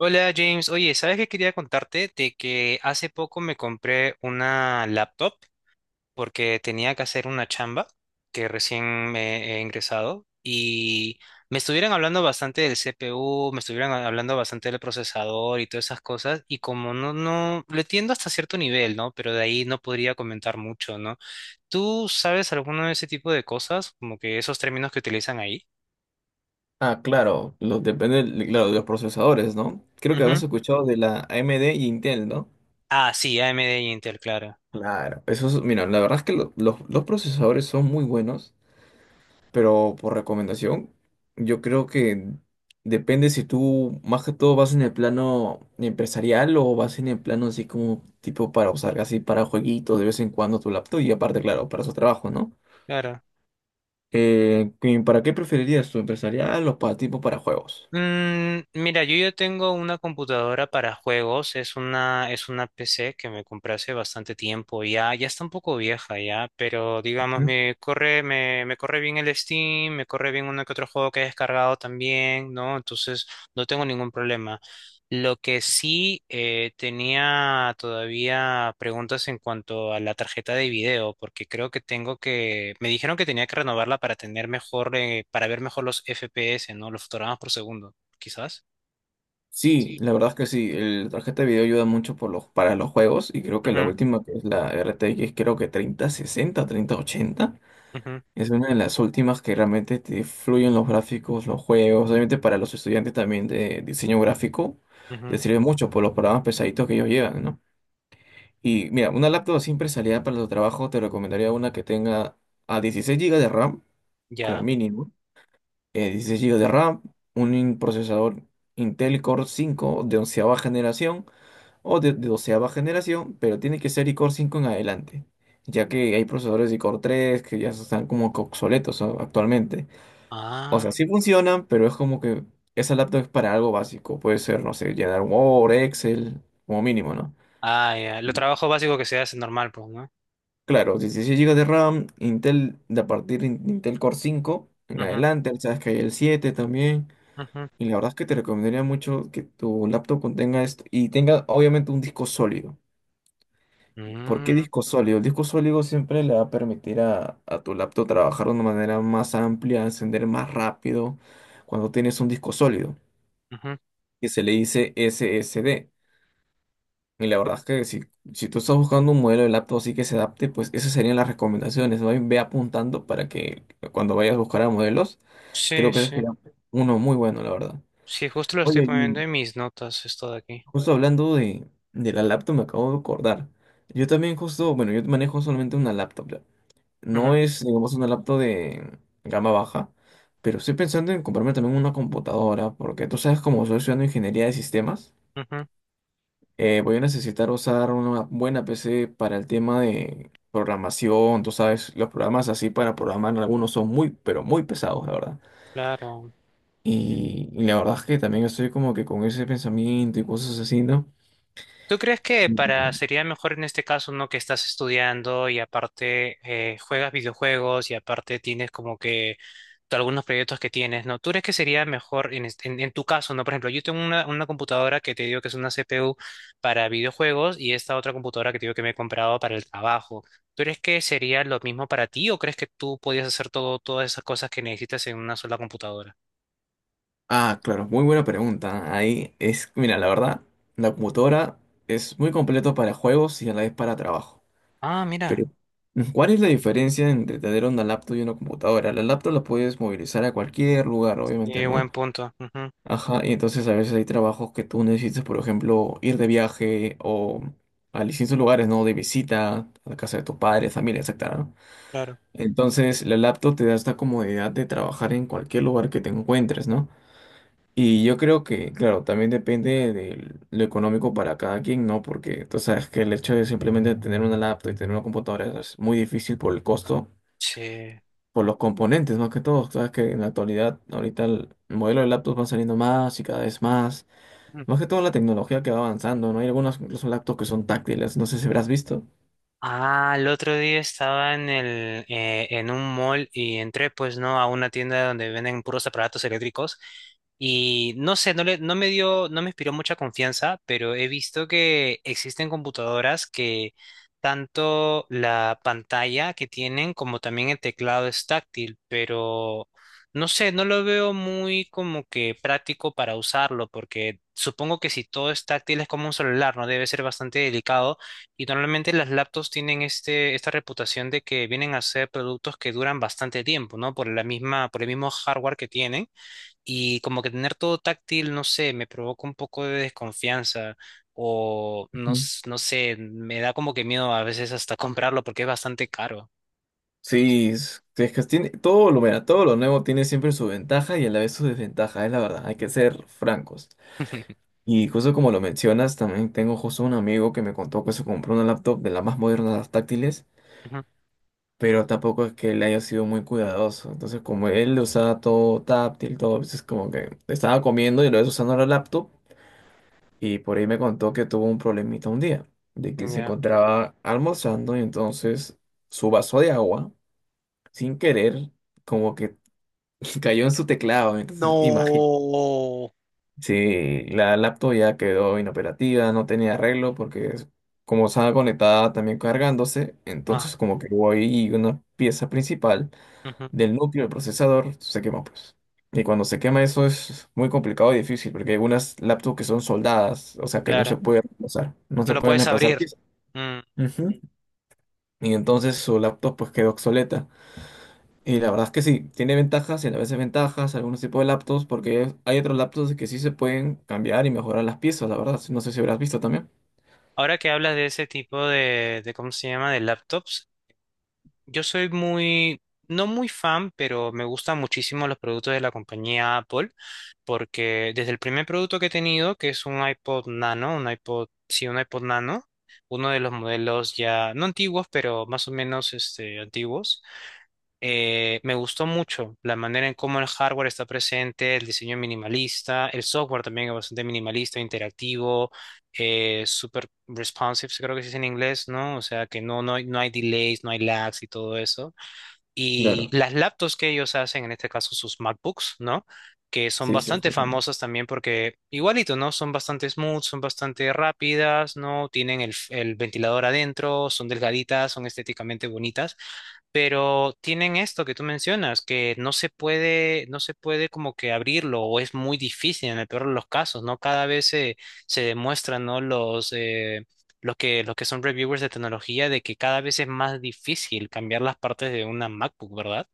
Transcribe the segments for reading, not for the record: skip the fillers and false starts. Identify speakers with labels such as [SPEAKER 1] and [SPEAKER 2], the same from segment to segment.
[SPEAKER 1] Hola James, oye, ¿sabes qué quería contarte? De que hace poco me compré una laptop porque tenía que hacer una chamba que recién me he ingresado y me estuvieron hablando bastante del CPU, me estuvieron hablando bastante del procesador y todas esas cosas y como no, lo entiendo hasta cierto nivel, ¿no? Pero de ahí no podría comentar mucho, ¿no? ¿Tú sabes alguno de ese tipo de cosas? Como que esos términos que utilizan ahí.
[SPEAKER 2] Ah, claro, depende claro, de los procesadores, ¿no? Creo que
[SPEAKER 1] Ujú.
[SPEAKER 2] habrás escuchado de la AMD y Intel, ¿no?
[SPEAKER 1] Ah, sí, AMD y Intel, claro.
[SPEAKER 2] Claro, eso es, mira, la verdad es que los procesadores son muy buenos, pero por recomendación, yo creo que depende si tú más que todo vas en el plano empresarial o vas en el plano así como tipo para usar así para jueguitos de vez en cuando tu laptop y aparte, claro, para su trabajo, ¿no?
[SPEAKER 1] Claro.
[SPEAKER 2] ¿Y para qué preferirías tu empresarial o para tipo para juegos?
[SPEAKER 1] Mira, yo ya tengo una computadora para juegos, es una PC que me compré hace bastante tiempo, ya está un poco vieja ya, pero digamos, me corre bien el Steam, me corre bien uno que otro juego que he descargado también, ¿no? Entonces, no tengo ningún problema. Lo que sí tenía todavía preguntas en cuanto a la tarjeta de video, porque creo que me dijeron que tenía que renovarla para tener mejor, para ver mejor los FPS, ¿no? Los fotogramas por segundo, quizás.
[SPEAKER 2] Sí,
[SPEAKER 1] Sí.
[SPEAKER 2] la verdad es que sí, la tarjeta de video ayuda mucho para los juegos, y creo que la
[SPEAKER 1] Ujú,
[SPEAKER 2] última que es la RTX, creo que treinta, sesenta, treinta, ochenta,
[SPEAKER 1] ujú,
[SPEAKER 2] es una de las últimas que realmente te fluyen los gráficos, los juegos, obviamente para los estudiantes también de diseño gráfico
[SPEAKER 1] ujú.
[SPEAKER 2] les sirve mucho por los programas pesaditos que ellos llevan, ¿no? Y mira, una laptop así empresarial para tu trabajo te recomendaría una que tenga a 16 gigas de RAM como
[SPEAKER 1] Ya.
[SPEAKER 2] mínimo, 16 GB de RAM, un procesador Intel Core cinco de onceava generación o de doceava generación, pero tiene que ser iCore cinco en adelante, ya que hay procesadores de iCore 3 que ya están como que obsoletos, ¿no?, actualmente. O sea,
[SPEAKER 1] Ah,
[SPEAKER 2] sí funcionan, pero es como que esa laptop es para algo básico, puede ser, no sé, llenar Word, Excel, como mínimo, ¿no?
[SPEAKER 1] ah, ya. Lo trabajo básico que se hace normal, pues, ¿no?
[SPEAKER 2] Claro, 16 gigas de RAM, Intel, de a partir de Intel Core cinco en
[SPEAKER 1] Ujú,
[SPEAKER 2] adelante, sabes que hay el 7 también.
[SPEAKER 1] ujú.
[SPEAKER 2] Y la verdad es que te recomendaría mucho que tu laptop contenga esto y tenga obviamente un disco sólido. ¿Por qué
[SPEAKER 1] Mm,
[SPEAKER 2] disco sólido? El disco sólido siempre le va a permitir a tu laptop trabajar de una manera más amplia, encender más rápido cuando tienes un disco sólido,
[SPEAKER 1] ujú.
[SPEAKER 2] que se le dice SSD. Y la verdad es que si tú estás buscando un modelo de laptop así que se adapte, pues esas serían las recomendaciones. Ve apuntando para que cuando vayas a buscar a modelos,
[SPEAKER 1] Sí,
[SPEAKER 2] creo que ese
[SPEAKER 1] sí.
[SPEAKER 2] sería uno muy bueno, la verdad.
[SPEAKER 1] Sí, justo lo estoy
[SPEAKER 2] Oye, y
[SPEAKER 1] poniendo en mis notas, esto de aquí.
[SPEAKER 2] justo hablando de la laptop, me acabo de acordar. Yo también justo, bueno, yo manejo solamente una laptop, ya.
[SPEAKER 1] Ujú,
[SPEAKER 2] No es, digamos, una laptop de gama baja, pero estoy pensando en comprarme también una computadora, porque tú sabes, como soy estudiando ingeniería de sistemas,
[SPEAKER 1] ujú.
[SPEAKER 2] voy a necesitar usar una buena PC para el tema de programación. Tú sabes, los programas así para programar, algunos son muy, pero muy pesados, la verdad.
[SPEAKER 1] Claro.
[SPEAKER 2] Y la verdad es que también estoy como que con ese pensamiento y cosas así, ¿no?
[SPEAKER 1] ¿Tú crees que para sería mejor en este caso, no que estás estudiando y aparte juegas videojuegos y aparte tienes como que algunos proyectos que tienes, ¿no? ¿Tú crees que sería mejor en tu caso, ¿no? Por ejemplo, yo tengo una computadora que te digo que es una CPU para videojuegos y esta otra computadora que te digo que me he comprado para el trabajo. ¿Tú crees que sería lo mismo para ti o crees que tú podías hacer todas esas cosas que necesitas en una sola computadora?
[SPEAKER 2] Ah, claro, muy buena pregunta. Ahí es, mira, la verdad, la computadora es muy completo para juegos y a la vez para trabajo.
[SPEAKER 1] Ah, mira,
[SPEAKER 2] Pero, ¿cuál es la diferencia entre tener una laptop y una computadora? La laptop la puedes movilizar a cualquier lugar, obviamente,
[SPEAKER 1] buen
[SPEAKER 2] ¿no?
[SPEAKER 1] punto. Ujú,
[SPEAKER 2] Ajá, y entonces a veces hay trabajos que tú necesitas, por ejemplo, ir de viaje o a distintos lugares, ¿no? De visita, a la casa de tus padres, familia, etcétera, ¿no?
[SPEAKER 1] claro.
[SPEAKER 2] Entonces, la laptop te da esta comodidad de trabajar en cualquier lugar que te encuentres, ¿no? Y yo creo que, claro, también depende de lo económico para cada quien, ¿no? Porque tú sabes que el hecho de simplemente tener una laptop y tener una computadora es muy difícil por el costo,
[SPEAKER 1] Sí.
[SPEAKER 2] por los componentes, más que todo. Sabes que en la actualidad, ahorita el modelo de laptops van saliendo más y cada vez más. Más que todo la tecnología que va avanzando, ¿no? Hay algunas incluso laptops que son táctiles, no sé si habrás visto.
[SPEAKER 1] Ah, el otro día estaba en un mall y entré, pues, ¿no? A una tienda donde venden puros aparatos eléctricos y no sé, no me dio, no me inspiró mucha confianza, pero he visto que existen computadoras que tanto la pantalla que tienen como también el teclado es táctil, pero no sé, no lo veo muy como que práctico para usarlo porque supongo que si todo es táctil es como un celular, ¿no? Debe ser bastante delicado y normalmente las laptops tienen esta reputación de que vienen a ser productos que duran bastante tiempo, ¿no? Por el mismo hardware que tienen. Y como que tener todo táctil, no sé, me provoca un poco de desconfianza. O no,
[SPEAKER 2] Ujú.
[SPEAKER 1] s- no sé, me da como que miedo a veces hasta comprarlo porque es bastante caro.
[SPEAKER 2] Sí, es que tiene todo lo, mira, todo lo nuevo tiene siempre su ventaja y a la vez su desventaja, es la verdad, hay que ser francos. Y justo como lo mencionas, también tengo justo un amigo que me contó que se compró una laptop de las más modernas, las táctiles,
[SPEAKER 1] Ujú,
[SPEAKER 2] pero tampoco es que él haya sido muy cuidadoso. Entonces, como él usaba todo táctil, todo, es como que estaba comiendo y lo ves usando la laptop, y por ahí me contó que tuvo un problemita un día, de que se
[SPEAKER 1] ya.
[SPEAKER 2] encontraba almorzando y entonces su vaso de agua, sin querer, como que cayó en su teclado. Entonces,
[SPEAKER 1] No.
[SPEAKER 2] sí, la laptop ya quedó inoperativa, no tenía arreglo porque como estaba conectada también cargándose,
[SPEAKER 1] Ah,
[SPEAKER 2] entonces como que hubo ahí una pieza principal
[SPEAKER 1] ujú,
[SPEAKER 2] del núcleo del procesador, se quemó pues. Y cuando se quema eso es muy complicado y difícil porque hay algunas laptops que son soldadas, o sea que no se
[SPEAKER 1] claro.
[SPEAKER 2] puede reemplazar, no
[SPEAKER 1] No
[SPEAKER 2] se
[SPEAKER 1] lo
[SPEAKER 2] pueden
[SPEAKER 1] puedes
[SPEAKER 2] reemplazar
[SPEAKER 1] abrir.
[SPEAKER 2] piezas.
[SPEAKER 1] Mm.
[SPEAKER 2] Ujú. Y entonces su laptop pues quedó obsoleta. Y la verdad es que sí, tiene ventajas y a veces ventajas algunos tipos de laptops, porque hay otros laptops que sí se pueden cambiar y mejorar las piezas, la verdad. No sé si habrás visto también.
[SPEAKER 1] Ahora que hablas de ese tipo de, ¿cómo se llama? De laptops. Yo soy no muy fan, pero me gustan muchísimo los productos de la compañía Apple, porque desde el primer producto que he tenido, que es un iPod Nano, un iPod Nano, uno de los modelos ya, no antiguos, pero más o menos este, antiguos, me gustó mucho la manera en cómo el hardware está presente, el diseño minimalista, el software también es bastante minimalista, interactivo, super responsive, creo que se dice en inglés, ¿no? O sea, que no hay, no hay delays, no hay lags y todo eso. Y
[SPEAKER 2] Claro,
[SPEAKER 1] las laptops que ellos hacen, en este caso sus MacBooks, ¿no? Que son
[SPEAKER 2] sí, sí, he
[SPEAKER 1] bastante
[SPEAKER 2] escuchado.
[SPEAKER 1] famosas también porque igualito, ¿no? Son bastante smooth, son bastante rápidas, ¿no? Tienen el ventilador adentro, son delgaditas, son estéticamente bonitas. Pero tienen esto que tú mencionas, que no se puede como que abrirlo, o es muy difícil en el peor de los casos, ¿no? Se demuestran, ¿no? Los que son reviewers de tecnología, de que cada vez es más difícil cambiar las partes de una MacBook, ¿verdad?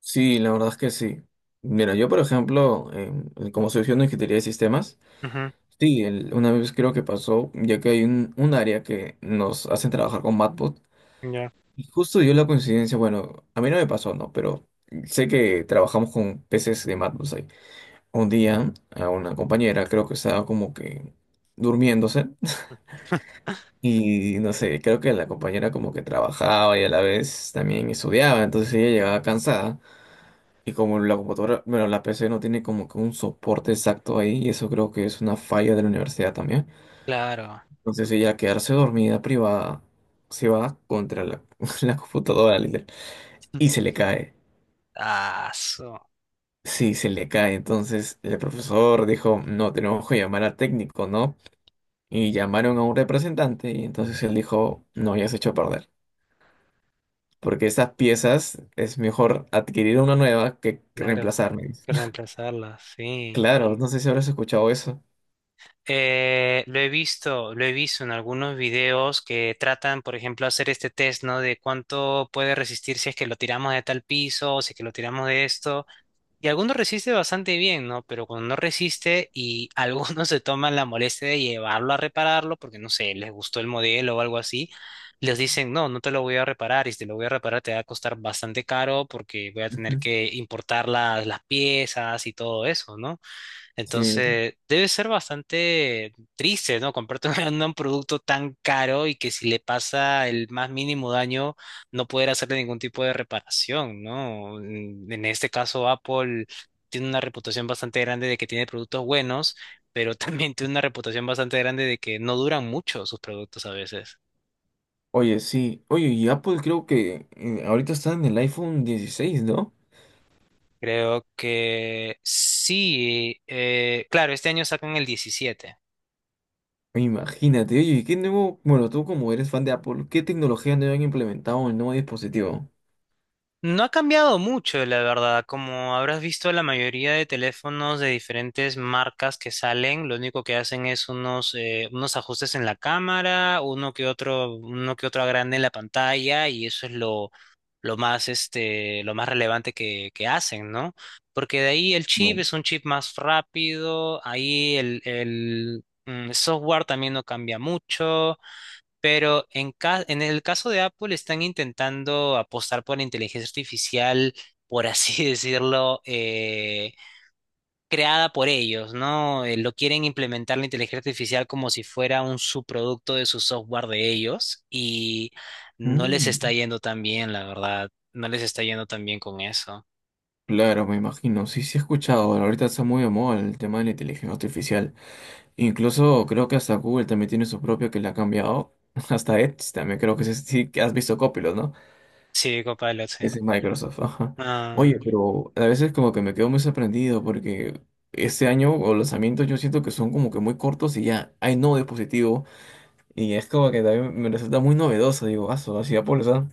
[SPEAKER 2] Sí, la verdad es que sí. Mira, yo por ejemplo, como soy estudiante de ingeniería de sistemas,
[SPEAKER 1] Ujú,
[SPEAKER 2] sí, una vez creo que pasó, ya que hay un área que nos hacen trabajar con Matbot,
[SPEAKER 1] ya.
[SPEAKER 2] y justo dio la coincidencia, bueno, a mí no me pasó, ¿no? Pero sé que trabajamos con PCs de Matbot un día a una compañera, creo que estaba como que durmiéndose y no sé, creo que la compañera como que trabajaba y a la vez también estudiaba, entonces ella llegaba cansada, y como la computadora, bueno, la PC no tiene como que un soporte exacto ahí, y eso creo que es una falla de la universidad también,
[SPEAKER 1] Claro.
[SPEAKER 2] entonces ella, al quedarse dormida privada, se va contra la, la computadora literal, y se le cae.
[SPEAKER 1] Ah, so-
[SPEAKER 2] Sí, se le cae. Entonces el profesor dijo, no, tenemos que llamar al técnico, ¿no?, y llamaron a un representante y entonces él dijo, no, ya se echó a perder, porque esas piezas es mejor adquirir una nueva que
[SPEAKER 1] Claro, hay
[SPEAKER 2] reemplazarme, dice.
[SPEAKER 1] que reemplazarlas, sí.
[SPEAKER 2] Claro, no sé si habrás escuchado eso.
[SPEAKER 1] Lo he visto en algunos videos que tratan, por ejemplo, hacer este test, ¿no? De cuánto puede resistir si es que lo tiramos de tal piso o si es que lo tiramos de esto. Y algunos resiste bastante bien, ¿no? Pero cuando no resiste y algunos se toman la molestia de llevarlo a repararlo porque, no sé, les gustó el modelo o algo así, les dicen, no, no te lo voy a reparar y si te lo voy a reparar te va a costar bastante caro porque voy a tener
[SPEAKER 2] Ujú.
[SPEAKER 1] que importar las piezas y todo eso, ¿no?
[SPEAKER 2] Sí.
[SPEAKER 1] Entonces, debe ser bastante triste, ¿no? Comprarte un producto tan caro y que si le pasa el más mínimo daño, no poder hacerle ningún tipo de reparación, ¿no? En este caso, Apple tiene una reputación bastante grande de que tiene productos buenos, pero también tiene una reputación bastante grande de que no duran mucho sus productos a veces.
[SPEAKER 2] Oye, sí. Oye, y Apple creo que, ahorita está en el iPhone 16, ¿no?
[SPEAKER 1] Creo que sí, claro, este año sacan el 17.
[SPEAKER 2] Imagínate, oye, ¿Y qué nuevo? Bueno, tú como eres fan de Apple, ¿qué tecnología nueva han implementado en el nuevo dispositivo?
[SPEAKER 1] No ha cambiado mucho, la verdad. Como habrás visto, la mayoría de teléfonos de diferentes marcas que salen, lo único que hacen es unos ajustes en la cámara, uno que otro agrande en la pantalla, y eso es lo más, este, lo más relevante que hacen, ¿no? Porque de ahí el chip
[SPEAKER 2] Bueno.
[SPEAKER 1] es un chip más rápido, ahí software también no cambia mucho. Pero en el caso de Apple están intentando apostar por la inteligencia artificial, por así decirlo, creada por ellos, ¿no? Lo quieren implementar la inteligencia artificial como si fuera un subproducto de su software de ellos y no les está
[SPEAKER 2] Mm.
[SPEAKER 1] yendo tan bien, la verdad. No les está yendo tan bien con eso.
[SPEAKER 2] Claro, me imagino. Sí, sí he escuchado. Ahorita está muy de moda el tema de la inteligencia artificial. Incluso creo que hasta Google también tiene su propio que le ha cambiado. Hasta Edge también, creo que ese sí que has visto, Copilot, ¿no?
[SPEAKER 1] Sí, Copilot, sí.
[SPEAKER 2] Ese es Microsoft. Ajá.
[SPEAKER 1] Ah.
[SPEAKER 2] Oye, pero a veces como que me quedo muy sorprendido porque este año o lanzamientos yo siento que son como que muy cortos y ya hay nuevo dispositivo, y es como que también me resulta muy novedoso. Digo, ah, así Apple está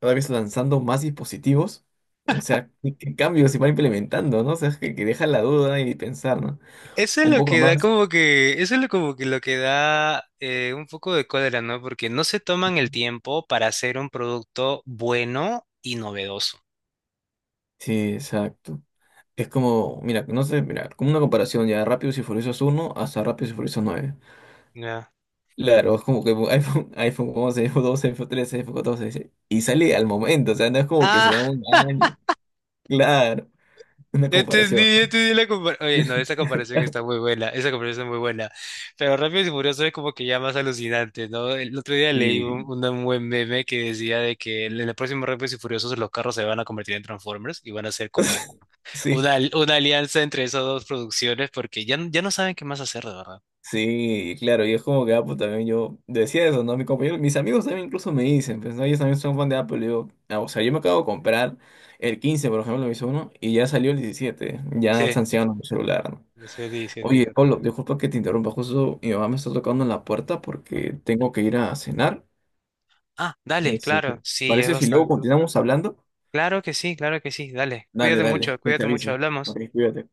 [SPEAKER 2] cada vez lanzando más dispositivos. O sea, ¿qué cambios se van implementando? ¿No? O sea, es que deja la duda y pensar, ¿no?
[SPEAKER 1] Eso es
[SPEAKER 2] Un
[SPEAKER 1] lo
[SPEAKER 2] poco
[SPEAKER 1] que da
[SPEAKER 2] más.
[SPEAKER 1] como que, eso es lo como que lo que da un poco de cólera, ¿no? Porque no se toman el tiempo para hacer un producto bueno y novedoso.
[SPEAKER 2] Sí, exacto. Es como, mira, no sé, mira, como una comparación ya de Rápidos y Furiosos uno hasta Rápidos y Furiosos nueve.
[SPEAKER 1] Ya.
[SPEAKER 2] Claro, es como que iPhone, iPhone 11, iPhone 12, iPhone 13, iPhone 14, sí, y sale al momento, o sea, no es como que se da
[SPEAKER 1] Ah,
[SPEAKER 2] un año. Claro, una comparación,
[SPEAKER 1] ya
[SPEAKER 2] ¿no?
[SPEAKER 1] entendí la comparación. Oye, no, esa comparación está muy buena, esa comparación es muy buena. Pero Rápidos y Furiosos es como que ya más alucinante, ¿no? El otro día leí
[SPEAKER 2] Y
[SPEAKER 1] un buen meme que decía de que en el próximo Rápidos y Furiosos los carros se van a convertir en Transformers y van a ser como
[SPEAKER 2] sí,
[SPEAKER 1] Una alianza entre esas dos producciones porque ya no saben qué más hacer, de verdad.
[SPEAKER 2] sí, claro, y es como que Apple también yo decía eso, ¿no? Mi compañero, mis amigos también incluso me dicen, pues, ¿no? Ellos también son fan de Apple, y digo, ah, o sea, yo me acabo de comprar el 15 por ejemplo, me hizo uno, y ya salió el 17, ya
[SPEAKER 1] Sí,
[SPEAKER 2] está anciano mi celular, ¿no?
[SPEAKER 1] sí 17,
[SPEAKER 2] Oye,
[SPEAKER 1] claro.
[SPEAKER 2] Pablo, disculpa que te interrumpa, justo mi mamá me está tocando en la puerta porque tengo que ir a cenar.
[SPEAKER 1] Ah, dale,
[SPEAKER 2] Este,
[SPEAKER 1] claro,
[SPEAKER 2] ¿te
[SPEAKER 1] sí, ya es
[SPEAKER 2] parece si luego
[SPEAKER 1] bastante.
[SPEAKER 2] continuamos hablando?
[SPEAKER 1] Claro que sí, dale.
[SPEAKER 2] Dale, dale, te
[SPEAKER 1] Cuídate mucho,
[SPEAKER 2] aviso.
[SPEAKER 1] hablamos.
[SPEAKER 2] Ok, cuídate.